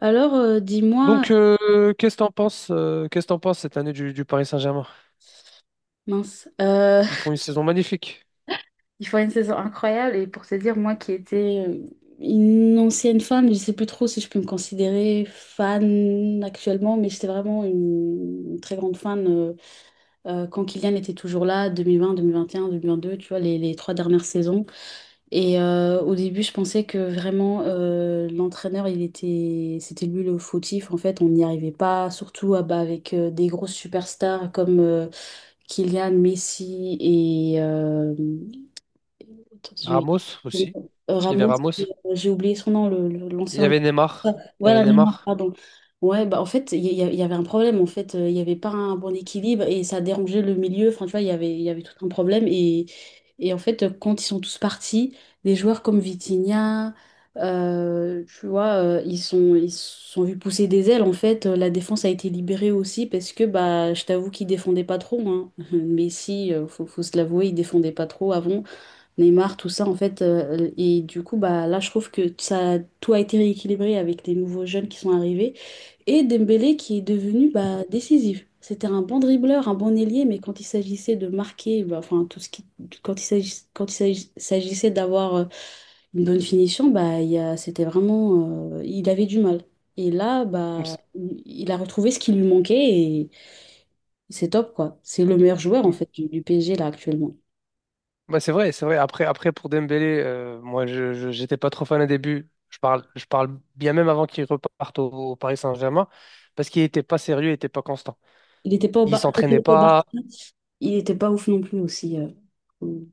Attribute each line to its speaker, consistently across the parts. Speaker 1: Alors, dis-moi,
Speaker 2: Donc, qu'est-ce que t'en penses cette année du Paris Saint-Germain?
Speaker 1: mince,
Speaker 2: Ils font une saison magnifique.
Speaker 1: il faut une saison incroyable et pour te dire, moi qui étais une ancienne fan, je sais plus trop si je peux me considérer fan actuellement, mais j'étais vraiment une très grande fan quand Kylian était toujours là, 2020, 2021, 2022, tu vois, les trois dernières saisons. Et au début, je pensais que vraiment l'entraîneur, c'était lui le fautif. En fait, on n'y arrivait pas, surtout ah bah, avec des grosses superstars comme Kylian Messi et j'ai-
Speaker 2: Ramos
Speaker 1: j'ai-
Speaker 2: aussi. Il y avait
Speaker 1: Ramos,
Speaker 2: Ramos.
Speaker 1: et, j'ai oublié son nom,
Speaker 2: Il
Speaker 1: l'ancien
Speaker 2: y avait
Speaker 1: joueur.
Speaker 2: Neymar. Il y avait
Speaker 1: Voilà, Neymar,
Speaker 2: Neymar.
Speaker 1: pardon. Ouais, bah en fait, il y avait un problème. En fait, il n'y avait pas un bon équilibre et ça dérangeait le milieu. Enfin, tu vois, il y avait tout un problème. Et en fait, quand ils sont tous partis, des joueurs comme Vitinha, tu vois, ils se sont vus pousser des ailes. En fait, la défense a été libérée aussi parce que, bah, je t'avoue qu'ils défendaient pas trop. Hein. Messi, faut se l'avouer, il défendait pas trop avant. Neymar, tout ça, en fait. Et du coup, bah, là, je trouve que ça, tout a été rééquilibré avec les nouveaux jeunes qui sont arrivés. Et Dembélé qui est devenu bah, décisif. C'était un bon dribbleur, un bon ailier, mais quand il s'agissait de marquer, bah, enfin, quand il s'agissait, quand il s'agis- s'agissait d'avoir une bonne finition, bah, c'était vraiment, il avait du mal. Et là, bah,
Speaker 2: C'est
Speaker 1: il a retrouvé ce qui lui manquait et c'est top, quoi. C'est le meilleur joueur, en fait, du PSG, là, actuellement.
Speaker 2: bah, c'est vrai, c'est vrai. Après, pour Dembélé, moi, j'étais pas trop fan au début. Je parle bien même avant qu'il reparte au Paris Saint-Germain parce qu'il était pas sérieux, il était pas constant.
Speaker 1: Il n'était pas au
Speaker 2: Il
Speaker 1: Bar- Quand il
Speaker 2: s'entraînait
Speaker 1: était au Barça,
Speaker 2: pas.
Speaker 1: il était pas ouf non plus aussi. euh,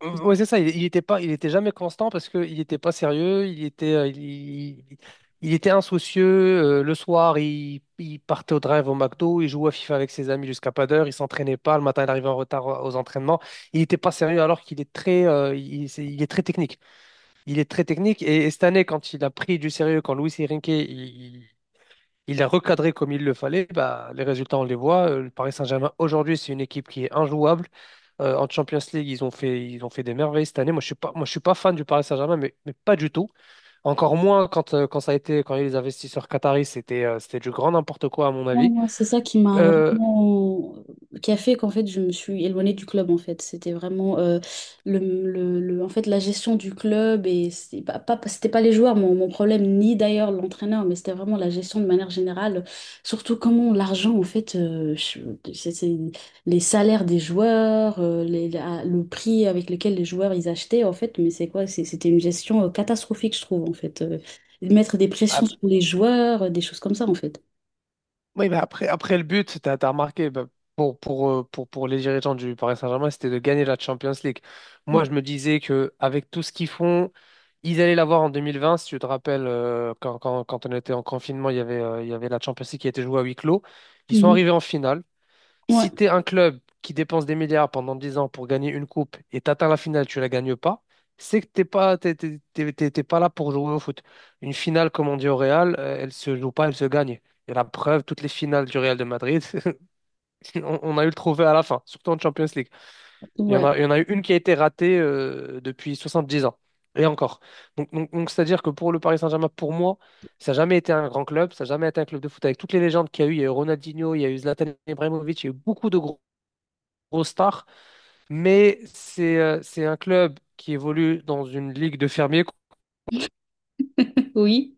Speaker 2: Mmh, ouais, c'est ça. Il était jamais constant parce qu'il n'était pas sérieux. Il- il était insoucieux. Le soir, il partait au drive au McDo. Il jouait à FIFA avec ses amis jusqu'à pas d'heure. Il s'entraînait pas. Le matin, il arrivait en retard aux entraînements. Il n'était pas sérieux alors qu'il est très technique. Il est très technique. Et cette année, quand il a pris du sérieux, quand Luis Enrique, il l'a recadré comme il le fallait, bah, les résultats, on les voit. Le Paris Saint-Germain aujourd'hui, c'est une équipe qui est injouable. En Champions League, ils ont fait des merveilles cette année. Moi, je suis pas fan du Paris Saint-Germain, mais pas du tout. Encore moins quand il y a eu les investisseurs qataris, c'était du grand n'importe quoi, à mon
Speaker 1: Non,
Speaker 2: avis.
Speaker 1: non, c'est ça qui m'a
Speaker 2: Euh,
Speaker 1: vraiment... qui a fait qu'en fait, je me suis éloignée du club, en fait. C'était vraiment le, en fait, la gestion du club, et c'était pas les joueurs, mon problème, ni d'ailleurs l'entraîneur, mais c'était vraiment la gestion de manière générale. Surtout comment l'argent, en fait, c'est les salaires des joueurs, le prix avec lequel les joueurs, ils achetaient, en fait, mais c'est quoi? C'était une gestion catastrophique, je trouve, en fait. Mettre des
Speaker 2: ah,
Speaker 1: pressions sur
Speaker 2: bah,
Speaker 1: les joueurs, des choses comme ça, en fait.
Speaker 2: oui, mais après le but, tu as remarqué, bah, pour les dirigeants du Paris Saint-Germain, c'était de gagner la Champions League. Moi, je me disais que avec tout ce qu'ils font, ils allaient l'avoir en 2020. Si tu te rappelles, quand on était en confinement, il y avait la Champions League qui était jouée à huis clos. Ils sont
Speaker 1: Mhm.
Speaker 2: arrivés en finale.
Speaker 1: Ouais,
Speaker 2: Si tu es un club qui dépense des milliards pendant 10 ans pour gagner une coupe et t'atteins la finale, tu la gagnes pas, c'est que t'es pas, t'es, t'es- t'es- t'es- t'es pas là pour jouer au foot. Une finale, comme on dit au Real, elle se joue pas, elle se gagne. Et la preuve, toutes les finales du Real de Madrid, on a eu le trophée à la fin, surtout en Champions League. Il y en
Speaker 1: ouais,
Speaker 2: a, il y en a eu une qui a été ratée depuis 10 ans. Et encore. Donc, c'est-à-dire que pour le Paris Saint-Germain, pour moi, ça n'a jamais été un grand club, ça n'a jamais été un club de foot avec toutes les légendes qu'il y a eu. Il y a eu Ronaldinho, il y a eu Zlatan Ibrahimovic, il y a eu beaucoup de grosse star, mais c'est un club qui évolue dans une ligue de fermiers,
Speaker 1: oui.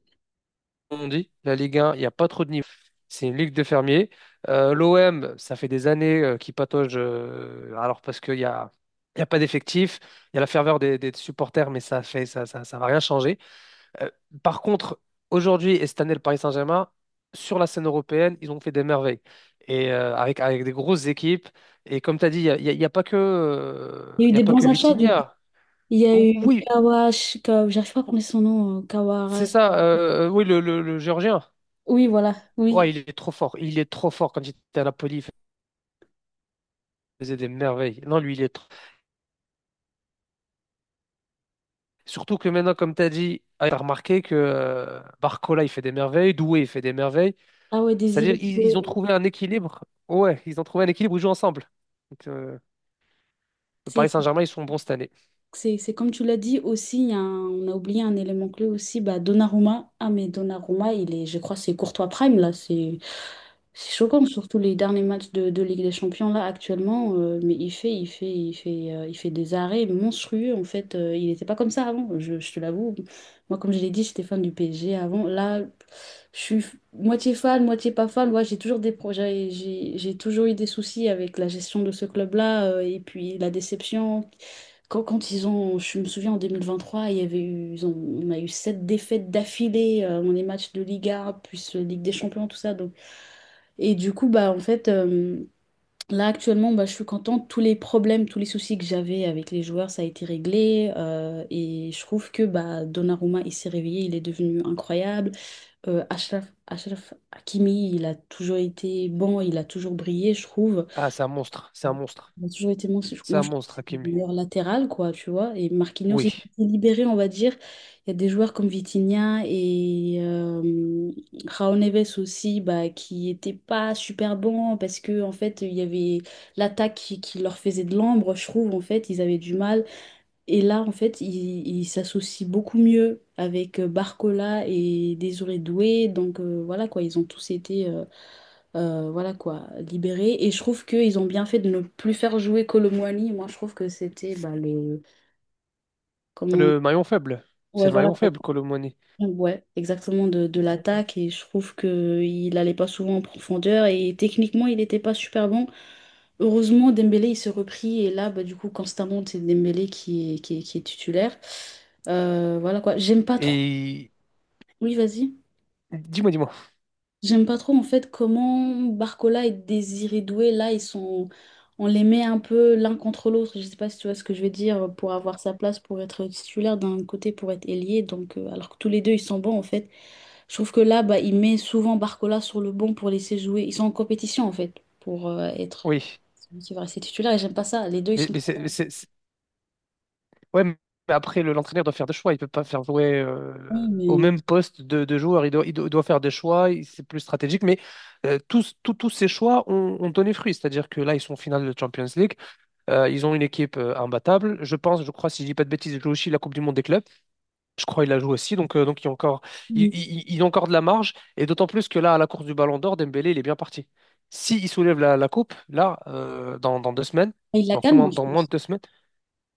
Speaker 2: comme on dit. La Ligue 1, il n'y a pas trop de niveau. C'est une ligue de fermiers. L'OM, ça fait des années qu'il patauge, alors parce qu'il y a pas d'effectif, il y a la ferveur des supporters, mais ça fait ça, ça, ça va rien changer. Euh, par contre, aujourd'hui et cette année, le Paris Saint-Germain, sur la scène européenne, ils ont fait des merveilles. Et avec des grosses équipes. Et comme tu as dit, il n'y a, il y a- il y a pas que,
Speaker 1: Il y a eu
Speaker 2: il y a
Speaker 1: des
Speaker 2: pas que
Speaker 1: bons achats du coup.
Speaker 2: Vitinha.
Speaker 1: Il y a eu
Speaker 2: Oui,
Speaker 1: Kawash, j'arrive pas à prononcer son nom,
Speaker 2: c'est
Speaker 1: Kawarash.
Speaker 2: ça. Oui, le Géorgien.
Speaker 1: Oui, voilà,
Speaker 2: Ouais,
Speaker 1: oui.
Speaker 2: il est trop fort. Il est trop fort quand il était à Napoli. Il faisait des merveilles. Non, lui, il est trop. Surtout que maintenant, comme tu as dit, tu as remarqué que Barcola, il fait des merveilles, Doué, il fait des merveilles.
Speaker 1: Ah ouais, Désiré
Speaker 2: C'est-à-dire, ils
Speaker 1: Doué.
Speaker 2: ont trouvé un équilibre. Ouais, ils ont trouvé un équilibre, où ils jouent ensemble. Donc, le Paris Saint-Germain, ils sont bons cette année.
Speaker 1: C'est comme tu l'as dit aussi, il y a un- on a oublié un élément clé aussi, bah, Donnarumma. Ah mais Donnarumma, il est, je crois, c'est Courtois Prime là, c'est choquant, surtout les derniers matchs de Ligue des Champions là actuellement, mais il fait des arrêts monstrueux en fait. Il n'était pas comme ça avant, je te l'avoue. Moi, comme je l'ai dit, j'étais fan du PSG avant. Là, moitié fan, moitié pas fan. Moi, j'ai toujours des projets, j'ai toujours eu des soucis avec la gestion de ce club-là, et puis la déception. Je me souviens en 2023, il y avait eu, ils ont, on a eu sept défaites d'affilée, dans les matchs de Liga, plus Ligue des Champions, tout ça. Donc. Et du coup, bah, en fait, là actuellement, bah, je suis contente. Tous les problèmes, tous les soucis que j'avais avec les joueurs, ça a été réglé. Et je trouve que bah, Donnarumma, il s'est réveillé, il est devenu incroyable. Achraf Hakimi, il a toujours été bon, il a toujours brillé, je trouve.
Speaker 2: Ah, c'est un monstre, c'est un monstre.
Speaker 1: Il a toujours été mon,
Speaker 2: C'est
Speaker 1: moi
Speaker 2: un
Speaker 1: je trouve que
Speaker 2: monstre,
Speaker 1: c'est le
Speaker 2: Hakimi.
Speaker 1: meilleur latéral, quoi, tu vois. Et Marquinhos,
Speaker 2: Oui.
Speaker 1: ils ont été libérés, on va dire. Il y a des joueurs comme Vitinha et Raul Neves aussi, bah, qui n'étaient pas super bons parce que en fait, il y avait l'attaque qui leur faisait de l'ombre, je trouve, en fait, ils avaient du mal. Et là, en fait, ils s'associent beaucoup mieux avec Barcola et Désiré Doué. Donc voilà, quoi, ils ont tous été. Voilà quoi, libéré. Et je trouve qu'ils ont bien fait de ne plus faire jouer Colomwani. Moi, je trouve que c'était bah, le. Comment.
Speaker 2: Le maillon faible. C'est
Speaker 1: Ouais,
Speaker 2: le
Speaker 1: voilà,
Speaker 2: maillon
Speaker 1: quoi.
Speaker 2: faible, Colomoni.
Speaker 1: Ouais, exactement, de l'attaque. Et je trouve qu'il allait pas souvent en profondeur. Et techniquement, il n'était pas super bon. Heureusement, Dembélé, il s'est repris. Et là, bah, du coup, constamment, c'est Dembélé qui est titulaire. Voilà quoi. J'aime pas trop.
Speaker 2: Et
Speaker 1: Oui, vas-y.
Speaker 2: dis-moi, dis-moi.
Speaker 1: J'aime pas trop en fait comment Barcola et Désiré Doué, là, ils sont... on les met un peu l'un contre l'autre. Je sais pas si tu vois ce que je veux dire, pour avoir sa place, pour être titulaire d'un côté, pour être ailier. Donc, alors que tous les deux, ils sont bons en fait. Je trouve que là, bah, il met souvent Barcola sur le banc pour laisser jouer. Ils sont en compétition en fait, pour être
Speaker 2: Oui.
Speaker 1: celui qui va rester titulaire. Et j'aime pas ça. Les deux, ils
Speaker 2: Mais,
Speaker 1: sont
Speaker 2: mais
Speaker 1: très bons,
Speaker 2: c'est- ouais, mais après, l'entraîneur doit faire des choix. Il peut pas faire jouer au
Speaker 1: mais.
Speaker 2: même poste de joueurs. Il doit faire des choix. C'est plus stratégique. Mais tous ces choix ont donné fruit. C'est-à-dire que là, ils sont en finale de Champions League. Ils ont une équipe imbattable. Je pense, je crois, si je dis pas de bêtises, ils jouent aussi la Coupe du Monde des clubs. Je crois qu'il la joue aussi. Donc, il y a encore,
Speaker 1: Mm.
Speaker 2: il a encore de la marge. Et d'autant plus que là, à la course du Ballon d'Or, Dembélé, il est bien parti. Si il soulève la, la coupe, là, dans 2 semaines,
Speaker 1: Il la
Speaker 2: donc
Speaker 1: calme, moi, je
Speaker 2: dans moins de
Speaker 1: pense.
Speaker 2: 2 semaines,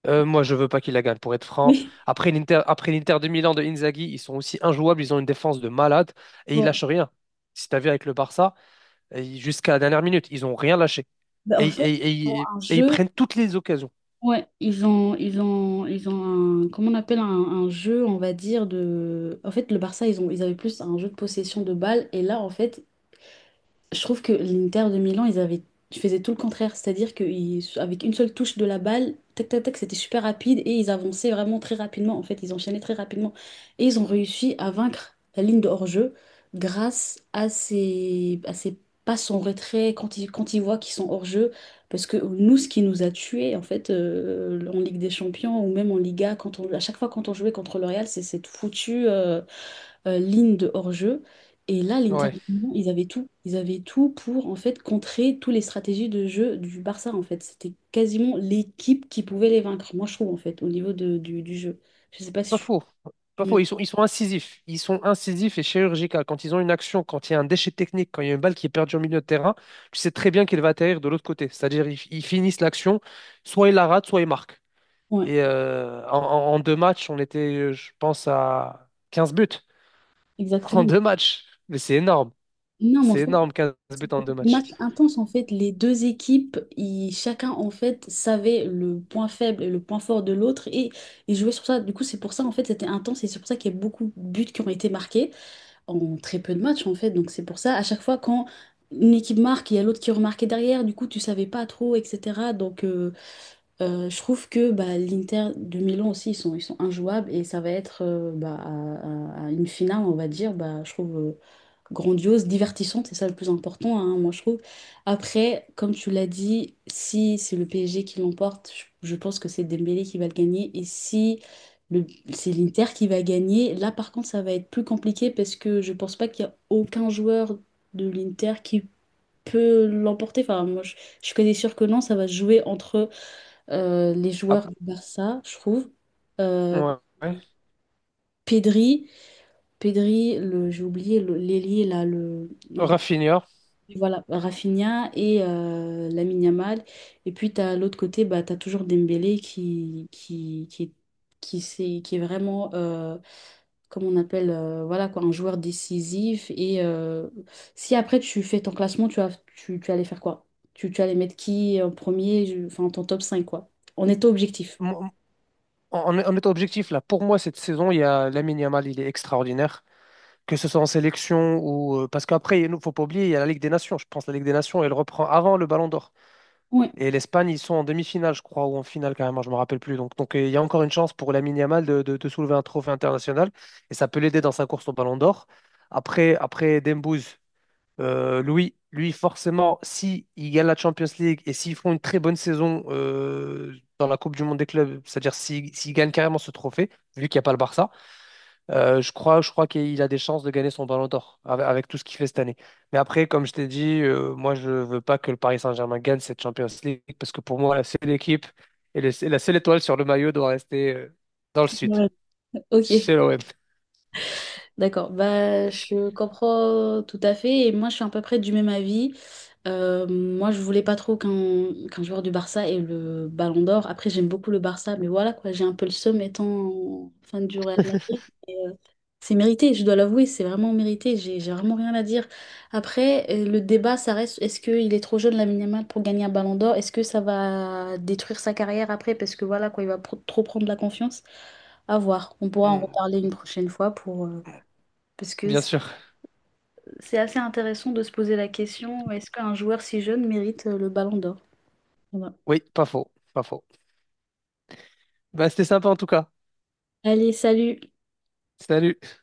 Speaker 2: moi, je veux pas qu'il la gagne, pour être franc. Après l'Inter de Milan de Inzaghi, ils sont aussi injouables, ils ont une défense de malade et
Speaker 1: Oui.
Speaker 2: ils
Speaker 1: Ouais.
Speaker 2: lâchent rien. Si t'as vu avec le Barça, jusqu'à la dernière minute, ils ont rien lâché.
Speaker 1: Bah,
Speaker 2: Et,
Speaker 1: en fait,
Speaker 2: et- et- et-
Speaker 1: un
Speaker 2: et ils
Speaker 1: jeu.
Speaker 2: prennent toutes les occasions.
Speaker 1: Ouais, ils ont un, comment on appelle un, jeu, on va dire, de... En fait, le Barça, ils avaient plus un jeu de possession de balle. Et là, en fait, je trouve que l'Inter de Milan, ils faisaient tout le contraire, c'est-à-dire qu'avec une seule touche de la balle, tac tac tac, c'était super rapide et ils avançaient vraiment très rapidement. En fait, ils enchaînaient très rapidement et ils ont réussi à vaincre la ligne de hors-jeu grâce à ces passes en retrait quand ils voient qu'ils sont hors-jeu. Parce que nous, ce qui nous a tués, en fait, en Ligue des Champions ou même en Liga, à chaque fois quand on jouait contre le Real, c'est cette foutue ligne de hors-jeu. Et là, les
Speaker 2: Ouais,
Speaker 1: intervenants, ils avaient tout. Ils avaient tout pour, en fait, contrer toutes les stratégies de jeu du Barça, en fait. C'était quasiment l'équipe qui pouvait les vaincre, moi, je trouve, en fait, au niveau du jeu. Je sais pas
Speaker 2: pas
Speaker 1: si
Speaker 2: faux.
Speaker 1: tu
Speaker 2: Pas
Speaker 1: me...
Speaker 2: faux, ils sont incisifs. Ils sont incisifs et chirurgicaux. Quand ils ont une action, quand il y a un déchet technique, quand il y a une balle qui est perdue au milieu de terrain, tu sais très bien qu'il va atterrir de l'autre côté. C'est-à-dire, ils finissent l'action, soit ils la ratent, soit ils marquent.
Speaker 1: Ouais,
Speaker 2: Et en deux matchs, on était, je pense, à 15 buts en
Speaker 1: exactement.
Speaker 2: deux matchs. Mais c'est énorme.
Speaker 1: Non, mais en
Speaker 2: C'est
Speaker 1: fait,
Speaker 2: énorme, 15 buts en
Speaker 1: c'était
Speaker 2: deux
Speaker 1: un
Speaker 2: matchs.
Speaker 1: match intense, en fait. Les deux équipes, chacun, en fait, savait le point faible et le point fort de l'autre et ils jouaient sur ça. Du coup, c'est pour ça, en fait, c'était intense et c'est pour ça qu'il y a beaucoup de buts qui ont été marqués. En très peu de matchs en fait. Donc c'est pour ça, à chaque fois quand une équipe marque, il y a l'autre qui remarquait derrière, du coup tu savais pas trop, etc. Donc je trouve que bah, l'Inter de Milan aussi, ils sont injouables et ça va être bah, à une finale, on va dire, bah, je trouve grandiose, divertissante, c'est ça le plus important, hein, moi je trouve. Après, comme tu l'as dit, si c'est le PSG qui l'emporte, je pense que c'est Dembélé qui va le gagner. Et si le, c'est l'Inter qui va gagner, là par contre ça va être plus compliqué parce que je pense pas qu'il y a aucun joueur de l'Inter qui peut l'emporter. Enfin, moi je suis quasi sûre que non, ça va se jouer entre les
Speaker 2: Ah,
Speaker 1: joueurs du Barça, je trouve. Euh,
Speaker 2: ouais, ouais.
Speaker 1: Pedri, Pedri, j'ai oublié l'ailier là, le
Speaker 2: Rafinha.
Speaker 1: voilà, Rafinha et Lamine Yamal. Et puis, tu as l'autre côté, bah, tu as toujours Dembélé qui est vraiment, comme on appelle, voilà, quoi, un joueur décisif. Et si après tu fais ton classement, tu allais faire quoi? Tu allais mettre qui en premier, enfin ton top 5 quoi. On est objectif.
Speaker 2: Mon- en étant objectif, là, pour moi, cette saison, il y a Lamine Yamal, il est extraordinaire. Que ce soit en sélection ou. Parce qu'après, il ne faut pas oublier, il y a la Ligue des Nations. Je pense que la Ligue des Nations, elle reprend avant le Ballon d'Or.
Speaker 1: Ouais.
Speaker 2: Et l'Espagne, ils sont en demi-finale, je crois, ou en finale carrément, je ne me rappelle plus. Donc, il y a encore une chance pour Lamine Yamal de soulever un trophée international et ça peut l'aider dans sa course au Ballon d'Or. Après, Dembouz, lui, forcément, si il gagne la Champions League et s'ils font une très bonne saison dans la Coupe du Monde des clubs, c'est-à-dire s'il gagne carrément ce trophée, vu qu'il n'y a pas le Barça, je crois qu'il a des chances de gagner son Ballon d'Or avec tout ce qu'il fait cette année. Mais après, comme je t'ai dit, moi, je veux pas que le Paris Saint-Germain gagne cette Champions League parce que pour moi, la seule équipe et la seule étoile sur le maillot doit rester dans le sud.
Speaker 1: Ouais. Ok.
Speaker 2: C'est l'OM.
Speaker 1: D'accord, bah, je comprends tout à fait et moi je suis à peu près du même avis. Moi je voulais pas trop qu'un joueur du Barça ait le Ballon d'Or. Après j'aime beaucoup le Barça, mais voilà quoi, j'ai un peu le seum étant fan du Real Madrid. Et, c'est mérité, je dois l'avouer, c'est vraiment mérité, j'ai vraiment rien à dire. Après le débat ça reste, est-ce qu'il est trop jeune Lamine Yamal pour gagner un Ballon d'Or? Est-ce que ça va détruire sa carrière après parce que voilà quoi, il va trop prendre la confiance? À voir, on pourra en
Speaker 2: Mm,
Speaker 1: reparler une prochaine fois pour... parce que
Speaker 2: bien sûr.
Speaker 1: c'est assez intéressant de se poser la question, est-ce qu'un joueur si jeune mérite le ballon d'or? Voilà.
Speaker 2: Oui, pas faux, pas faux. Bah, c'était sympa en tout cas.
Speaker 1: Allez, salut!
Speaker 2: Salut.